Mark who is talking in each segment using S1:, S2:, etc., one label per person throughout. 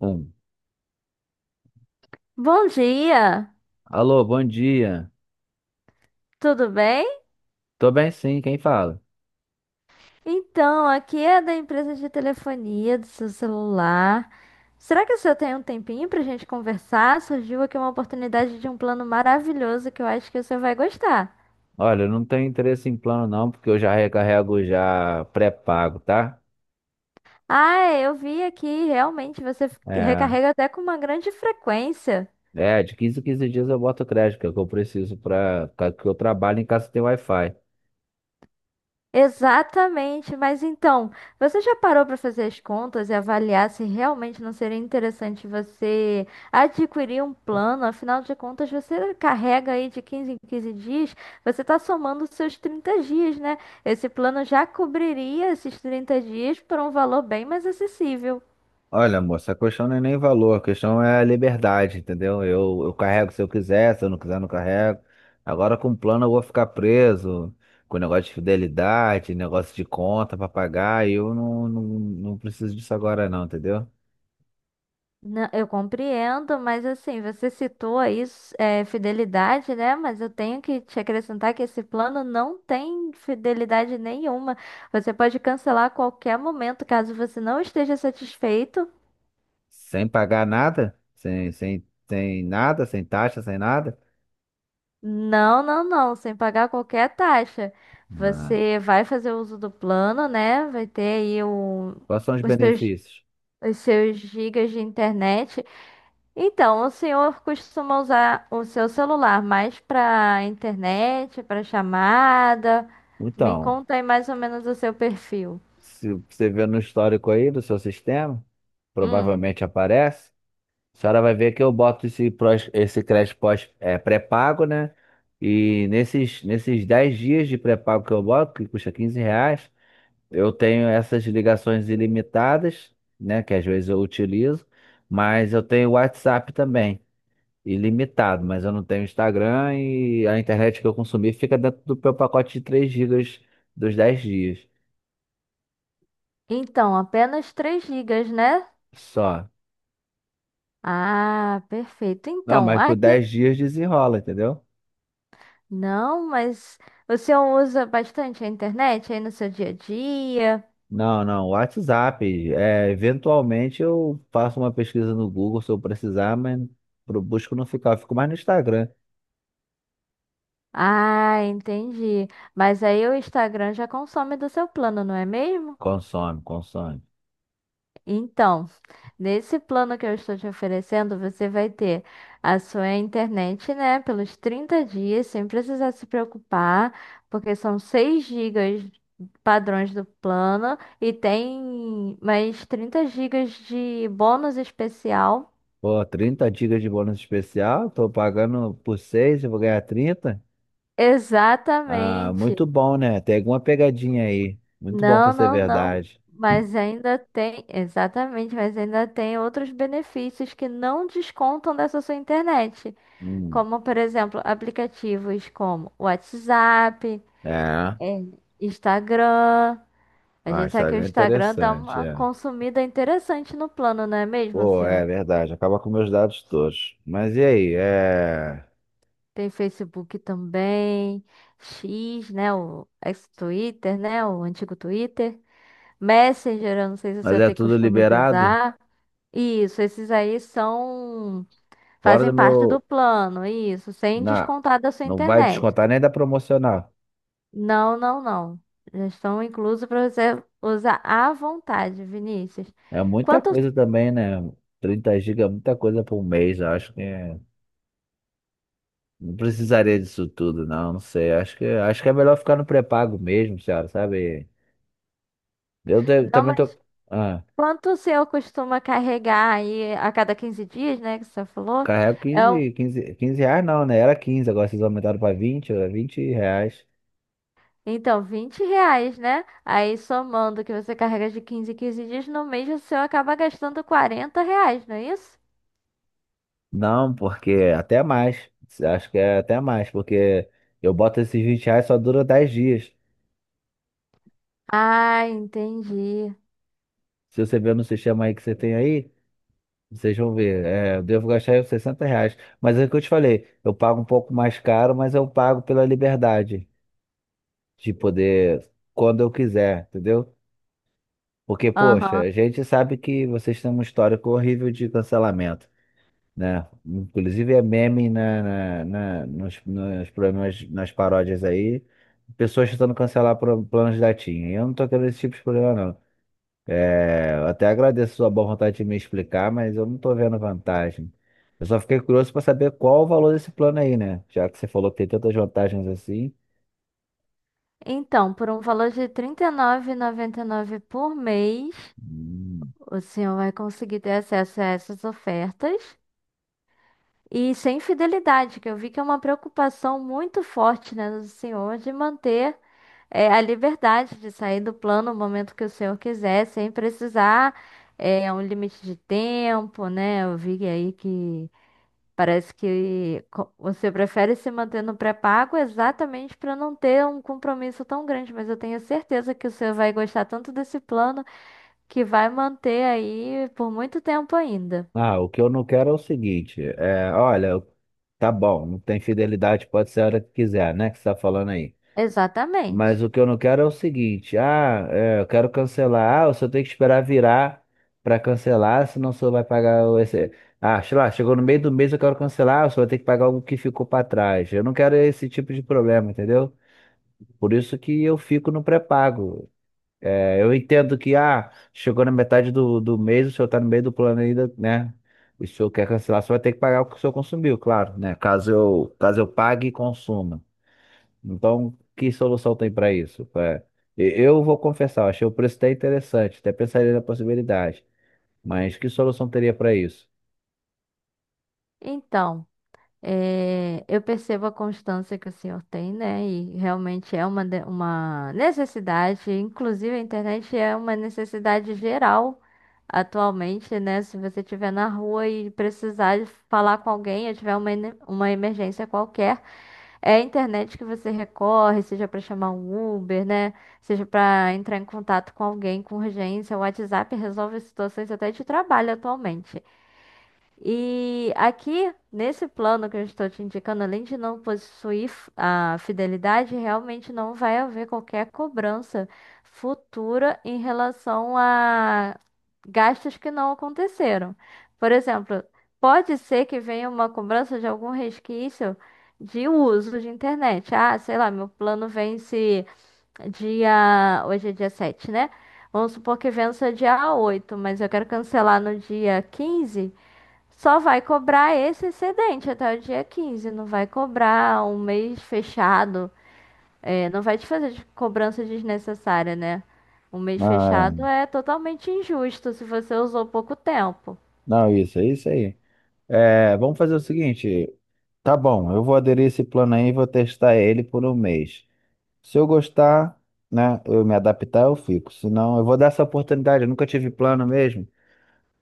S1: Um.
S2: Bom dia,
S1: Alô, bom dia.
S2: tudo bem?
S1: Tô bem sim, quem fala?
S2: Então, aqui é da empresa de telefonia do seu celular. Será que o senhor tem um tempinho para a gente conversar? Surgiu aqui uma oportunidade de um plano maravilhoso que eu acho que o senhor vai gostar.
S1: Olha, eu não tenho interesse em plano não, porque eu já recarrego já pré-pago, tá?
S2: Ah, é, eu vi aqui, realmente você
S1: É,
S2: recarrega até com uma grande frequência.
S1: de quinze em 15 dias eu boto crédito, que é o que eu preciso para que eu trabalho em casa que tem Wi-Fi.
S2: Exatamente, mas então, você já parou para fazer as contas e avaliar se realmente não seria interessante você adquirir um plano? Afinal de contas, você carrega aí de 15 em 15 dias, você está somando os seus 30 dias, né? Esse plano já cobriria esses 30 dias por um valor bem mais acessível.
S1: Olha, moça, a questão não é nem valor, a questão é a liberdade, entendeu? Eu carrego se eu quiser, se eu não quiser, não carrego. Agora com o plano eu vou ficar preso, com negócio de fidelidade, negócio de conta pra pagar, e eu não preciso disso agora não, entendeu?
S2: Não, eu compreendo, mas assim, você citou aí fidelidade, né? Mas eu tenho que te acrescentar que esse plano não tem fidelidade nenhuma. Você pode cancelar a qualquer momento, caso você não esteja satisfeito.
S1: Sem pagar nada? Sem nada, sem taxa, sem nada?
S2: Não, não, não, sem pagar qualquer taxa.
S1: Ah,
S2: Você vai fazer uso do plano, né? Vai ter aí
S1: quais são os
S2: os seus,
S1: benefícios?
S2: os seus gigas de internet. Então, o senhor costuma usar o seu celular mais para internet, para chamada? Me
S1: Então,
S2: conta aí mais ou menos o seu perfil.
S1: se você vê no histórico aí do seu sistema,
S2: Hum.
S1: provavelmente aparece. A senhora vai ver que eu boto esse, esse crédito pós, pré-pago, né? E nesses 10 dias de pré-pago que eu boto, que custa 15 reais, eu tenho essas ligações ilimitadas, né? Que às vezes eu utilizo, mas eu tenho o WhatsApp também. Ilimitado, mas eu não tenho Instagram e a internet que eu consumi fica dentro do meu pacote de 3 gigas dos dez dias
S2: Então, apenas 3 gigas, né?
S1: só.
S2: Ah, perfeito.
S1: Não,
S2: Então,
S1: mas por
S2: aqui.
S1: 10 dias desenrola, entendeu?
S2: Não, mas o senhor usa bastante a internet aí no seu dia a dia?
S1: Não, não, WhatsApp. É, eventualmente eu faço uma pesquisa no Google se eu precisar, mas pro busco não ficar, eu fico mais no Instagram.
S2: Ah, entendi. Mas aí o Instagram já consome do seu plano, não é mesmo?
S1: Consome, consome.
S2: Então, nesse plano que eu estou te oferecendo, você vai ter a sua internet, né, pelos 30 dias, sem precisar se preocupar, porque são 6 gigas padrões do plano e tem mais 30 gigas de bônus especial.
S1: Pô, 30 gigas de bônus especial, tô pagando por 6, eu vou ganhar 30. Ah, muito
S2: Exatamente.
S1: bom, né? Tem alguma pegadinha aí. Muito bom pra
S2: Não,
S1: ser
S2: não, não.
S1: verdade.
S2: Mas ainda tem, exatamente, mas ainda tem outros benefícios que não descontam dessa sua internet.
S1: Hum,
S2: Como, por exemplo, aplicativos como WhatsApp,
S1: é.
S2: é, Instagram. A
S1: Ah,
S2: gente sabe que o
S1: Instagram é
S2: Instagram dá
S1: interessante,
S2: uma
S1: é.
S2: consumida interessante no plano, não é mesmo,
S1: Pô, é
S2: senhor?
S1: verdade. Acaba com meus dados todos. Mas e aí?
S2: Tem Facebook também, X, né? O ex-Twitter, né? O antigo Twitter. Messenger, eu não sei se o
S1: Mas
S2: senhor
S1: é
S2: tem
S1: tudo
S2: costume de
S1: liberado?
S2: usar. Isso, esses aí são...
S1: Fora do
S2: Fazem parte do
S1: meu.
S2: plano, isso, sem
S1: Na...
S2: descontar da sua
S1: Não vai
S2: internet.
S1: descontar nem da promocional.
S2: Não, não, não. Já estão inclusos para você usar à vontade, Vinícius.
S1: É muita
S2: Quanto,
S1: coisa também, né? Trinta gigas é muita coisa por mês. Eu acho que é- Não precisaria disso tudo, não. Não sei. Acho que é melhor ficar no pré-pago mesmo, senhora, sabe?
S2: não,
S1: Também tô.
S2: mas
S1: Ah.
S2: quanto o senhor costuma carregar aí a cada 15 dias, né, que você falou?
S1: Carrega
S2: É o,
S1: R$ 15 não, né? Era 15, agora vocês aumentaram para 20, era R$ 20.
S2: então, R$ 20, né? Aí somando o que você carrega de 15 em 15 dias, no mês o senhor acaba gastando R$ 40, não é isso?
S1: Não, porque até mais. Acho que é até mais, porque eu boto esses R$ 20 só dura 10 dias.
S2: Ah, entendi.
S1: Se você ver no sistema aí que você tem aí, vocês vão ver. É, eu devo gastar aí uns R$ 60. Mas é o que eu te falei, eu pago um pouco mais caro, mas eu pago pela liberdade de poder, quando eu quiser, entendeu? Porque, poxa,
S2: Aham.
S1: a gente sabe que vocês têm um histórico horrível de cancelamento. Né? Inclusive é meme nos problemas, nas paródias aí, pessoas tentando cancelar planos da TIM. E eu não tô querendo esse tipo de problema, não. É, eu até agradeço a sua boa vontade de me explicar, mas eu não tô vendo vantagem. Eu só fiquei curioso para saber qual o valor desse plano aí, né? Já que você falou que tem tantas vantagens assim.
S2: Então, por um valor de R$ 39,99 por mês,
S1: Hum.
S2: o senhor vai conseguir ter acesso a essas ofertas e sem fidelidade, que eu vi que é uma preocupação muito forte, né, do senhor de manter a liberdade de sair do plano no momento que o senhor quiser, sem precisar um limite de tempo, né? Eu vi aí que parece que você prefere se manter no pré-pago exatamente para não ter um compromisso tão grande, mas eu tenho certeza que o senhor vai gostar tanto desse plano que vai manter aí por muito tempo ainda.
S1: Ah, o que eu não quero é o seguinte, olha, tá bom, não tem fidelidade, pode ser a hora que quiser, né? Que você tá falando aí.
S2: Exatamente.
S1: Mas o que eu não quero é o seguinte, eu quero cancelar, ah, o senhor tem que esperar virar para cancelar, senão o senhor vai pagar o esse... Ah, sei lá, chegou no meio do mês, eu quero cancelar, o senhor vai ter que pagar algo que ficou para trás. Eu não quero esse tipo de problema, entendeu? Por isso que eu fico no pré-pago. É, eu entendo que, ah, chegou na metade do mês, o senhor tá no meio do plano ainda, né? O senhor quer cancelar, o senhor vai ter que pagar o que o senhor consumiu, claro, né? Caso eu pague e consuma. Então, que solução tem para isso? Eu vou confessar, achei o preço até interessante, até pensaria na possibilidade, mas que solução teria para isso?
S2: Então, eu percebo a constância que o senhor tem, né? E realmente é uma necessidade, inclusive a internet é uma necessidade geral atualmente, né? Se você estiver na rua e precisar de falar com alguém, ou tiver uma emergência qualquer, é a internet que você recorre, seja para chamar um Uber, né? Seja para entrar em contato com alguém com urgência. O WhatsApp resolve situações até de trabalho atualmente. E aqui, nesse plano que eu estou te indicando, além de não possuir a fidelidade, realmente não vai haver qualquer cobrança futura em relação a gastos que não aconteceram. Por exemplo, pode ser que venha uma cobrança de algum resquício de uso de internet. Ah, sei lá, meu plano vence dia. Hoje é dia 7, né? Vamos supor que vença dia 8, mas eu quero cancelar no dia 15. Só vai cobrar esse excedente até o dia 15, não vai cobrar um mês fechado. É, não vai te fazer cobrança desnecessária, né? Um mês fechado
S1: Ah,
S2: é totalmente injusto se você usou pouco tempo.
S1: não, isso, é isso aí. É, vamos fazer o seguinte, tá bom, eu vou aderir esse plano aí e vou testar ele por um mês. Se eu gostar, né, eu me adaptar, eu fico. Se não, eu vou dar essa oportunidade, eu nunca tive plano mesmo.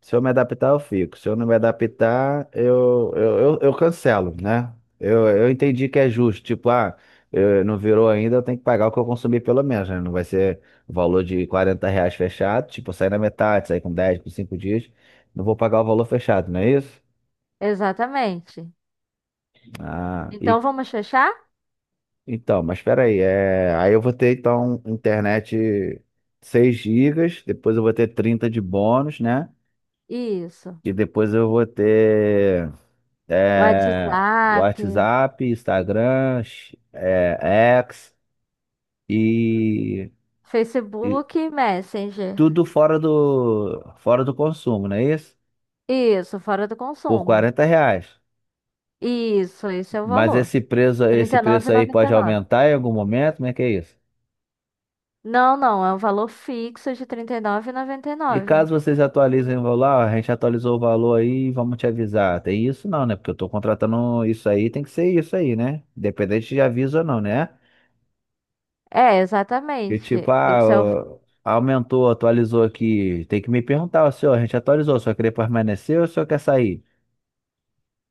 S1: Se eu me adaptar, eu fico. Se eu não me adaptar, eu cancelo, né? Eu entendi que é justo. Tipo, ah, eu, não virou ainda, eu tenho que pagar o que eu consumi pelo menos, né? Não vai ser o valor de 40 reais fechado. Tipo, eu sair na metade, sair com 10, com 5 dias. Não vou pagar o valor fechado, não é isso?
S2: Exatamente.
S1: Ah, e,
S2: Então vamos fechar?
S1: então, mas peraí. É, aí eu vou ter, então, internet 6 gigas. Depois eu vou ter 30 de bônus, né?
S2: Isso.
S1: E depois eu vou ter. É,
S2: WhatsApp,
S1: WhatsApp, Instagram, é, X e, e
S2: Facebook, e Messenger.
S1: tudo fora fora do consumo, não é isso?
S2: Isso, fora do
S1: Por
S2: consumo.
S1: quarenta reais.
S2: Isso, esse é o
S1: Mas
S2: valor.
S1: esse
S2: Trinta e nove
S1: preço
S2: e
S1: aí
S2: noventa
S1: pode
S2: e nove.
S1: aumentar em algum momento, como é que é isso?
S2: Não, não, é um valor fixo de trinta e nove e noventa e
S1: E
S2: nove.
S1: caso vocês atualizem o valor, ó, a gente atualizou o valor aí, vamos te avisar. Tem isso não, né? Porque eu tô contratando isso aí, tem que ser isso aí, né? Independente de aviso ou não, né?
S2: É,
S1: Que tipo,
S2: exatamente.
S1: ah,
S2: Esse é o...
S1: ó, aumentou, atualizou aqui. Tem que me perguntar, ó, senhor, a gente atualizou, o senhor quer permanecer ou o senhor quer sair?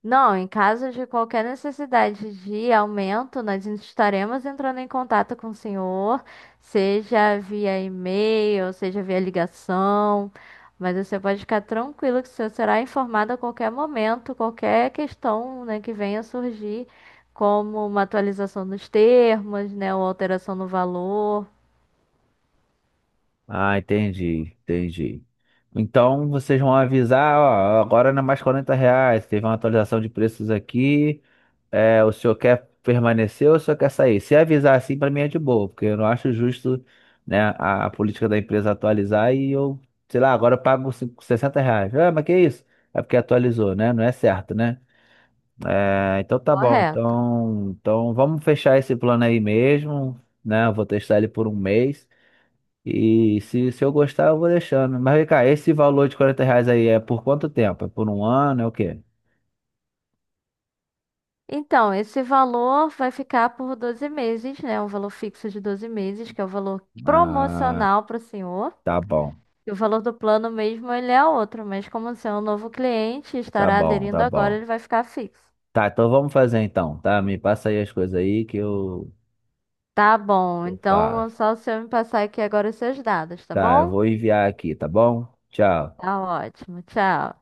S2: Não, em caso de qualquer necessidade de aumento, nós estaremos entrando em contato com o senhor, seja via e-mail, seja via ligação. Mas você pode ficar tranquilo que o senhor será informado a qualquer momento, qualquer questão, né, que venha surgir, como uma atualização dos termos, né, ou alteração no valor.
S1: Ah, entendi, entendi. Então vocês vão avisar, ó, agora não é mais 40 reais, teve uma atualização de preços aqui. É, o senhor quer permanecer ou o senhor quer sair? Se avisar assim, pra mim é de boa, porque eu não acho justo, né, a política da empresa atualizar e eu, sei lá, agora eu pago R$ 60. Ah, mas que isso? É porque atualizou, né? Não é certo, né? É, então tá bom.
S2: Correto.
S1: Então vamos fechar esse plano aí mesmo, né? Eu vou testar ele por um mês. E se eu gostar, eu vou deixando. Mas vem cá, esse valor de 40 reais aí é por quanto tempo? É por um ano? É o quê?
S2: Então, esse valor vai ficar por 12 meses, né? Um valor fixo de 12 meses, que é o valor
S1: Ah,
S2: promocional para o senhor.
S1: tá bom,
S2: E o valor do plano mesmo, ele é outro, mas como o senhor é um novo cliente e estará aderindo
S1: tá
S2: agora,
S1: bom.
S2: ele vai ficar fixo.
S1: Tá, então vamos fazer então, tá? Me passa aí as coisas aí que
S2: Tá bom,
S1: que eu
S2: então é
S1: faço.
S2: só o senhor me passar aqui agora os seus dados, tá
S1: Tá, eu
S2: bom?
S1: vou enviar aqui, tá bom? Tchau.
S2: Tá ótimo, tchau.